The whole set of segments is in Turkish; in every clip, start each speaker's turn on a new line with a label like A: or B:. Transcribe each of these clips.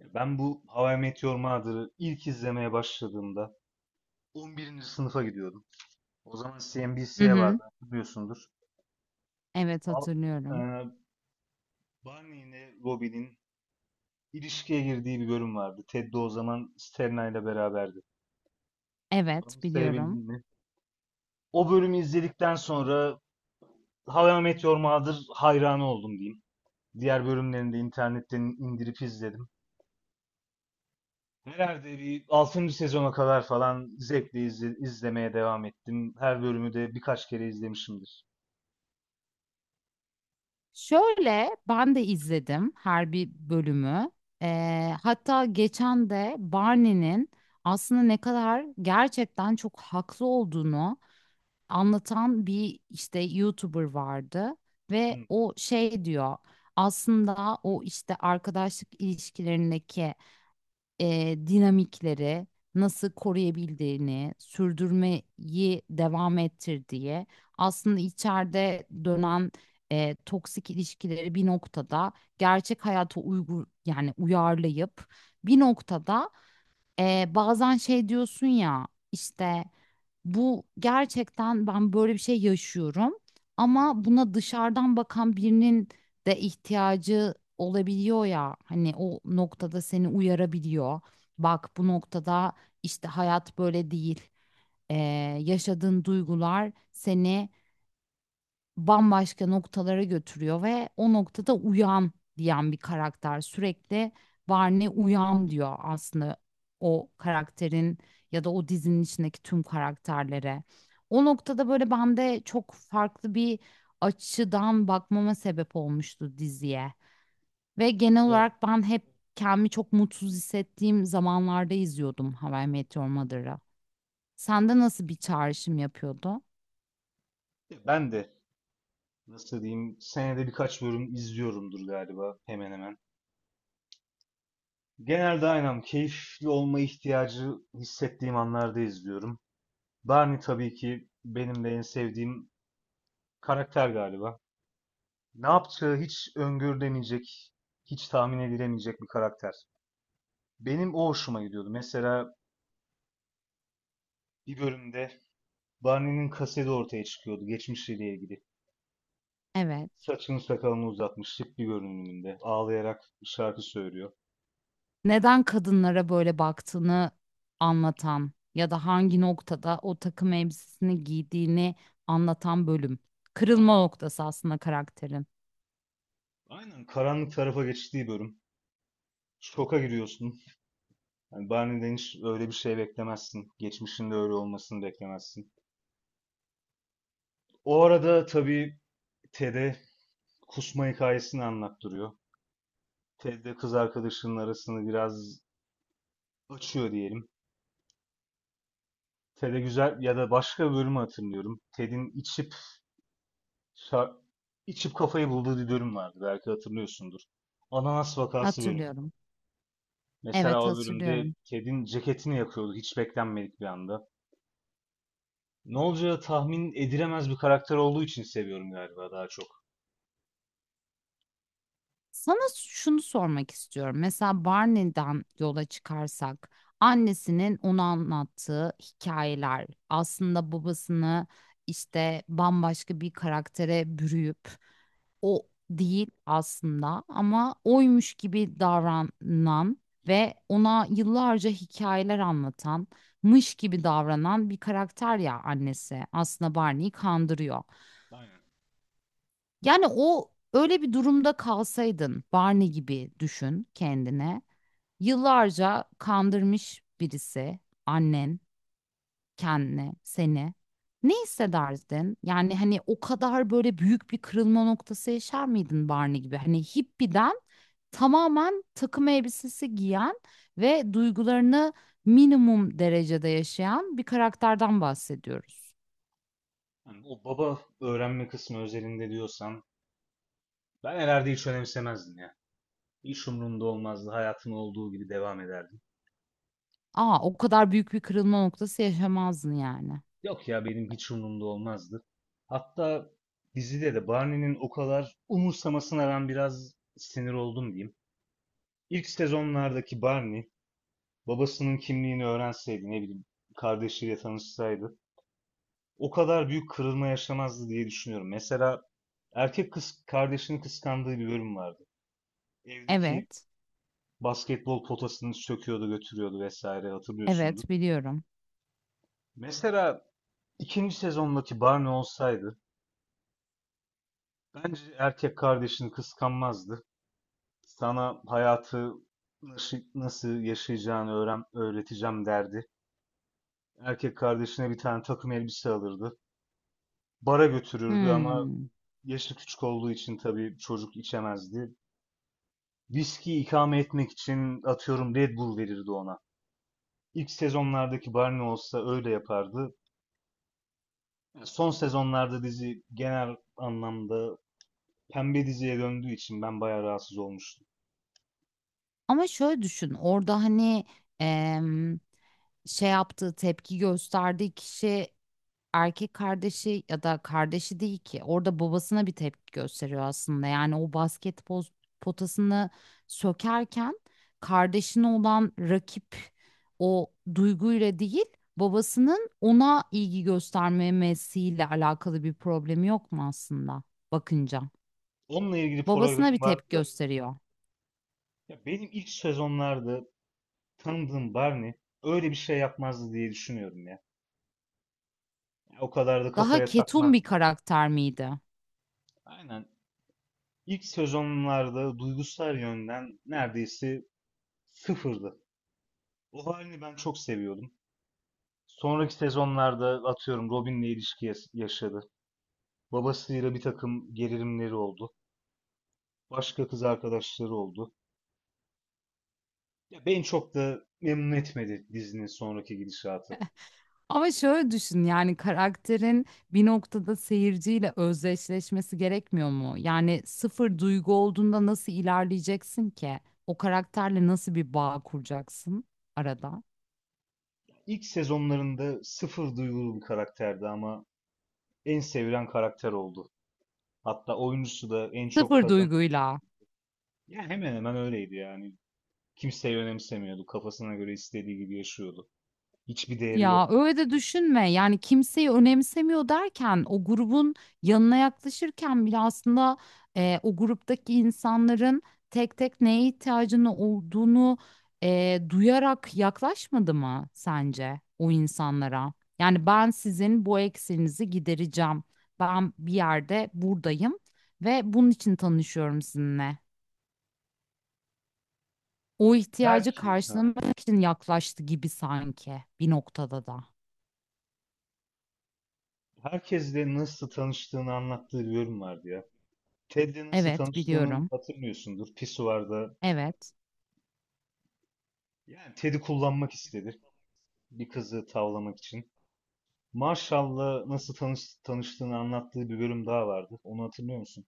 A: Ya ben bu How I Met Your Mother'ı ilk izlemeye başladığımda 11. sınıfa gidiyordum. O zaman
B: Hı
A: CNBC'ye
B: hı.
A: vardı biliyorsundur.
B: Evet,
A: Al, e,
B: hatırlıyorum.
A: Barney ile Robin'in ilişkiye girdiği bir bölüm vardı. Ted de o zaman Sterna ile beraberdi.
B: Evet,
A: Onu
B: biliyorum.
A: sevebildin mi? O bölümü izledikten sonra How I Met Your Mother hayranı oldum diyeyim. Diğer bölümlerini de internetten indirip izledim. Herhalde bir 6. sezona kadar falan zevkle izlemeye devam ettim. Her bölümü de birkaç kere izlemişimdir.
B: Şöyle ben de izledim her bir bölümü. Hatta geçen de Barney'nin aslında ne kadar gerçekten çok haklı olduğunu anlatan bir işte YouTuber vardı
A: Hı,
B: ve o şey diyor. Aslında o işte arkadaşlık ilişkilerindeki dinamikleri nasıl koruyabildiğini, sürdürmeyi devam ettir diye aslında içeride dönen toksik ilişkileri bir noktada gerçek hayata yani uyarlayıp bir noktada bazen şey diyorsun ya işte bu gerçekten ben böyle bir şey yaşıyorum,
A: hı.
B: ama buna dışarıdan bakan birinin de ihtiyacı olabiliyor ya hani o noktada seni uyarabiliyor. Bak, bu noktada işte hayat böyle değil. Ee, Yaşadığın duygular seni bambaşka noktalara götürüyor ve o noktada uyan diyen bir karakter sürekli. Barney uyan diyor aslında o karakterin ya da o dizinin içindeki tüm karakterlere. O noktada böyle bende çok farklı bir açıdan bakmama sebep olmuştu diziye. Ve genel
A: Böyle.
B: olarak ben hep kendimi çok mutsuz hissettiğim zamanlarda izliyordum How I Met Your Mother'ı. Sende nasıl bir çağrışım yapıyordu?
A: Ben de nasıl diyeyim, senede birkaç bölüm izliyorumdur galiba, hemen hemen. Genelde aynen keyifli olma ihtiyacı hissettiğim anlarda izliyorum. Barney tabii ki benim de en sevdiğim karakter galiba. Ne yapacağı hiç öngörülemeyecek, hiç tahmin edilemeyecek bir karakter. Benim o hoşuma gidiyordu. Mesela bir bölümde Barney'nin kaseti ortaya çıkıyordu geçmişiyle ilgili.
B: Evet.
A: Saçını sakalını uzatmış, şık bir görünümünde. Ağlayarak bir şarkı söylüyor.
B: Neden kadınlara böyle baktığını anlatan ya da hangi noktada o takım elbisesini giydiğini anlatan bölüm. Kırılma
A: Aynen.
B: noktası aslında karakterin.
A: Aynen. Karanlık tarafa geçtiği bölüm. Şoka giriyorsun. Yani Barney'den hiç öyle bir şey beklemezsin. Geçmişinde öyle olmasını beklemezsin. O arada tabii Ted'e kusma hikayesini anlattırıyor. Ted de kız arkadaşının arasını biraz açıyor diyelim. Ted'e güzel ya da başka bölümü hatırlıyorum. Ted'in içip Şa- İçip kafayı bulduğu bir bölüm vardı, belki hatırlıyorsundur. Ananas vakası bölümü.
B: Hatırlıyorum.
A: Mesela
B: Evet,
A: o bölümde
B: hatırlıyorum.
A: kedin ceketini yakıyordu hiç beklenmedik bir anda. Ne olacağı tahmin edilemez bir karakter olduğu için seviyorum galiba, daha çok.
B: Sana şunu sormak istiyorum. Mesela Barney'den yola çıkarsak, annesinin ona anlattığı hikayeler aslında babasını işte bambaşka bir karaktere bürüyüp o değil aslında ama oymuş gibi davranan ve ona yıllarca hikayeler anlatan, mış gibi davranan bir karakter ya annesi. Aslında Barney'i kandırıyor.
A: Aynen.
B: Yani o öyle bir durumda kalsaydın, Barney gibi düşün kendine. Yıllarca kandırmış birisi, annen, kendini, seni. Ne hissederdin? Yani hani o kadar böyle büyük bir kırılma noktası yaşar mıydın Barney gibi? Hani hippiden tamamen takım elbisesi giyen ve duygularını minimum derecede yaşayan bir karakterden bahsediyoruz.
A: Hani o baba öğrenme kısmı özelinde diyorsan ben herhalde hiç önemsemezdim ya. Hiç umurumda olmazdı. Hayatım olduğu gibi devam ederdim.
B: Aa, o kadar büyük bir kırılma noktası yaşamazdın yani.
A: Yok ya, benim hiç umurumda olmazdı. Hatta dizide de Barney'nin o kadar umursamasına ben biraz sinir oldum diyeyim. İlk sezonlardaki Barney babasının kimliğini öğrenseydi, ne bileyim, kardeşiyle tanışsaydı o kadar büyük kırılma yaşamazdı diye düşünüyorum. Mesela erkek kız kardeşini kıskandığı bir bölüm vardı. Evdeki
B: Evet,
A: basketbol potasını söküyordu, götürüyordu vesaire, hatırlıyorsundur.
B: evet, biliyorum.
A: Mesela ikinci sezondaki Barney olsaydı bence erkek kardeşini kıskanmazdı. Sana hayatı nasıl yaşayacağını öğreteceğim derdi. Erkek kardeşine bir tane takım elbise alırdı, bara götürürdü ama
B: Hmm.
A: yaşı küçük olduğu için tabii çocuk içemezdi. Viski ikame etmek için atıyorum Red Bull verirdi ona. İlk sezonlardaki Barney olsa öyle yapardı. Son sezonlarda dizi genel anlamda pembe diziye döndüğü için ben bayağı rahatsız olmuştum.
B: Ama şöyle düşün, orada hani em, şey yaptığı tepki gösterdiği kişi erkek kardeşi ya da kardeşi değil ki, orada babasına bir tepki gösteriyor aslında. Yani o basketbol potasını sökerken kardeşine olan rakip o duyguyla değil, babasının ona ilgi göstermemesiyle alakalı bir problemi yok mu aslında bakınca?
A: Onunla ilgili
B: Babasına bir
A: programım vardı
B: tepki
A: da.
B: gösteriyor.
A: Ya benim ilk sezonlarda tanıdığım Barney öyle bir şey yapmazdı diye düşünüyorum ya. O kadar da
B: Daha
A: kafaya
B: ketum bir
A: takmazdı.
B: karakter miydi?
A: Aynen. İlk sezonlarda duygusal yönden neredeyse sıfırdı. O halini ben çok seviyordum. Sonraki sezonlarda atıyorum Robin'le ilişki yaşadı. Babasıyla bir takım gerilimleri oldu. Başka kız arkadaşları oldu. Ya beni çok da memnun etmedi dizinin sonraki gidişatı.
B: Ama şöyle düşün, yani karakterin bir noktada seyirciyle özdeşleşmesi gerekmiyor mu? Yani sıfır duygu olduğunda nasıl ilerleyeceksin ki? O karakterle nasıl bir bağ kuracaksın arada?
A: İlk sezonlarında sıfır duygulu bir karakterdi ama en sevilen karakter oldu. Hatta oyuncusu da en çok
B: Sıfır
A: kazan.
B: duyguyla.
A: Ya hemen hemen öyleydi yani. Kimseyi önemsemiyordu. Kafasına göre istediği gibi yaşıyordu. Hiçbir değeri
B: Ya
A: yoktu.
B: öyle de düşünme. Yani kimseyi önemsemiyor derken o grubun yanına yaklaşırken bile aslında o gruptaki insanların tek tek neye ihtiyacını olduğunu duyarak yaklaşmadı mı sence o insanlara? Yani ben sizin bu eksiğinizi gidereceğim. Ben bir yerde buradayım ve bunun için tanışıyorum sizinle. O ihtiyacı
A: Belki.
B: karşılamak için yaklaştı gibi sanki bir noktada da.
A: Herkesle nasıl tanıştığını anlattığı bir bölüm vardı ya. Ted'le nasıl
B: Evet,
A: tanıştığını
B: biliyorum.
A: hatırlıyorsundur. Pisuvarda,
B: Evet,
A: yani Ted'i kullanmak istedi bir kızı tavlamak için. Marshall'la nasıl tanıştığını anlattığı bir bölüm daha vardı. Onu hatırlıyor musun?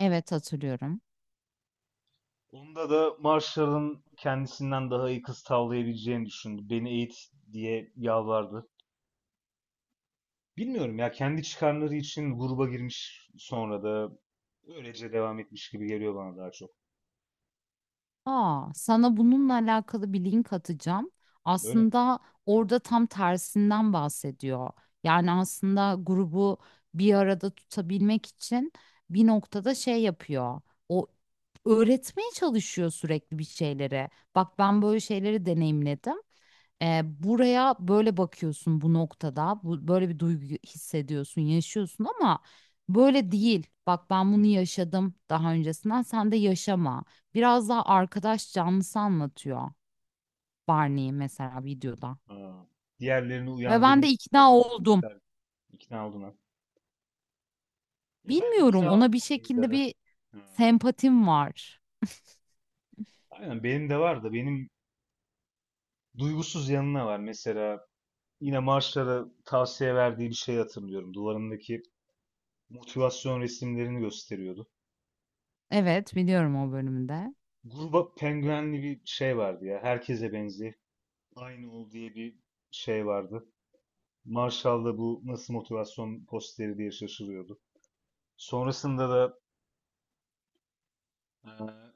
B: evet, hatırlıyorum.
A: Onda da Marshall'ın kendisinden daha iyi kız tavlayabileceğini düşündü. Beni eğit diye yalvardı. Bilmiyorum ya, kendi çıkarları için gruba girmiş sonra da öylece devam etmiş gibi geliyor bana daha çok.
B: Aa, sana bununla alakalı bir link atacağım.
A: Öyle mi?
B: Aslında orada tam tersinden bahsediyor. Yani aslında grubu bir arada tutabilmek için bir noktada şey yapıyor. O öğretmeye çalışıyor sürekli bir şeyleri. Bak, ben böyle şeyleri deneyimledim. E, buraya böyle bakıyorsun bu noktada. Bu, böyle bir duygu hissediyorsun, yaşıyorsun ama böyle değil. Bak, ben bunu yaşadım daha öncesinden. Sen de yaşama. Biraz daha arkadaş canlısı anlatıyor Barney'i mesela videoda.
A: Aa, diğerlerini
B: Ve ben de
A: uyandırmak
B: ikna
A: isteyen bir
B: oldum.
A: karakter. İkna oldun ha. Ya ben
B: Bilmiyorum,
A: ikna
B: ona bir şekilde
A: olmalıydı.
B: bir
A: Ha.
B: sempatim var.
A: Aynen benim de var da, benim duygusuz yanına var. Mesela yine Marshall'a tavsiye verdiği bir şey hatırlıyorum. Duvarındaki motivasyon resimlerini gösteriyordu.
B: Evet, biliyorum o bölümde.
A: Gruba penguenli bir şey vardı ya. Herkese benziyor. Aynı ol diye bir şey vardı. Marshall da bu nasıl motivasyon posteri diye şaşırıyordu. Sonrasında da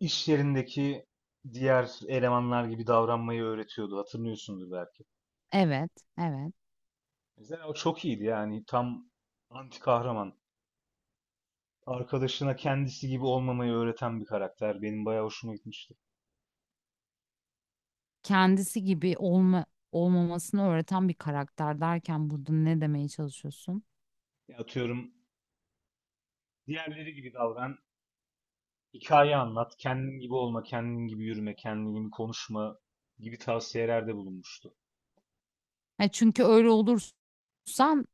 A: iş yerindeki diğer elemanlar gibi davranmayı öğretiyordu. Hatırlıyorsundur belki.
B: Evet, evet.
A: Mesela o çok iyiydi, yani tam anti kahraman. Arkadaşına kendisi gibi olmamayı öğreten bir karakter. Benim bayağı hoşuma gitmişti.
B: Kendisi gibi olmamasını öğreten bir karakter derken burada ne demeye çalışıyorsun?
A: Ya atıyorum diğerleri gibi davran, hikaye anlat, kendin gibi olma, kendin gibi yürüme, kendin gibi konuşma gibi tavsiyelerde bulunmuştu.
B: Ha, çünkü öyle olursan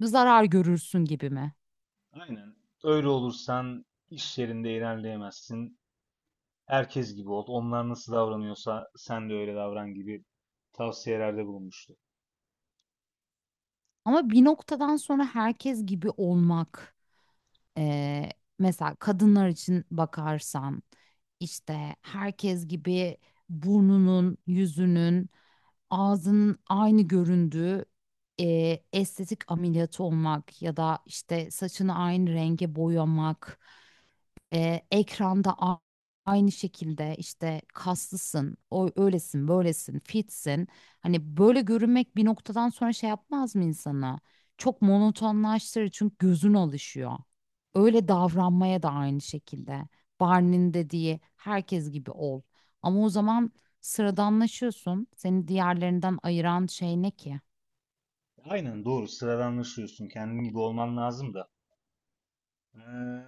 B: zarar görürsün gibi mi?
A: Aynen. Öyle olursan iş yerinde ilerleyemezsin. Herkes gibi ol. Onlar nasıl davranıyorsa sen de öyle davran gibi tavsiyelerde bulunmuştu.
B: Ama bir noktadan sonra herkes gibi olmak. Eee, Mesela kadınlar için bakarsan işte herkes gibi burnunun, yüzünün, ağzının aynı göründüğü estetik ameliyatı olmak ya da işte saçını aynı renge boyamak. Ekranda aynı şekilde işte kaslısın, o öylesin, böylesin, fitsin. Hani böyle görünmek bir noktadan sonra şey yapmaz mı insana? Çok monotonlaştırır çünkü gözün alışıyor. Öyle davranmaya da aynı şekilde. Barney'nin dediği herkes gibi ol. Ama o zaman sıradanlaşıyorsun. Seni diğerlerinden ayıran şey ne ki?
A: Aynen doğru. Sıradanlaşıyorsun. Kendin gibi olman lazım da. Ee,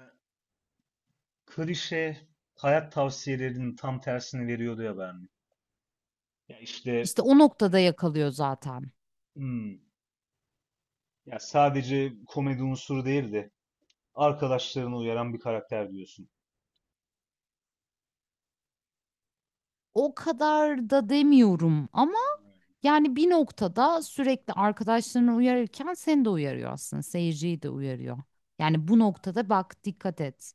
A: klişe hayat tavsiyelerinin tam tersini veriyordu ya Berni. Ya işte
B: İşte o noktada yakalıyor zaten.
A: hmm, ya sadece komedi unsuru değil de arkadaşlarını uyaran bir karakter diyorsun.
B: O kadar da demiyorum ama yani bir noktada sürekli arkadaşlarını uyarırken seni de uyarıyor aslında. Seyirciyi de uyarıyor. Yani bu noktada bak dikkat et.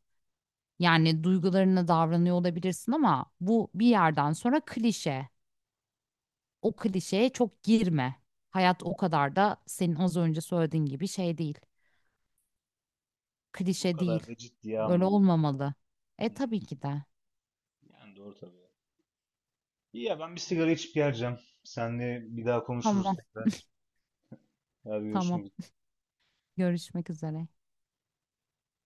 B: Yani duygularına davranıyor olabilirsin ama bu bir yerden sonra klişe. O klişeye çok girme. Hayat o kadar da senin az önce söylediğin gibi şey değil.
A: O
B: Klişe
A: kadar
B: değil.
A: da ciddiye
B: Böyle
A: alma diyor.
B: olmamalı. E
A: Hmm,
B: tabii ki de.
A: yani doğru tabii. İyi ya, ben bir sigara içip geleceğim. Seninle bir daha konuşuruz
B: Tamam,
A: tekrar. Ya, bir
B: tamam.
A: görüşmek üzere.
B: Görüşmek üzere.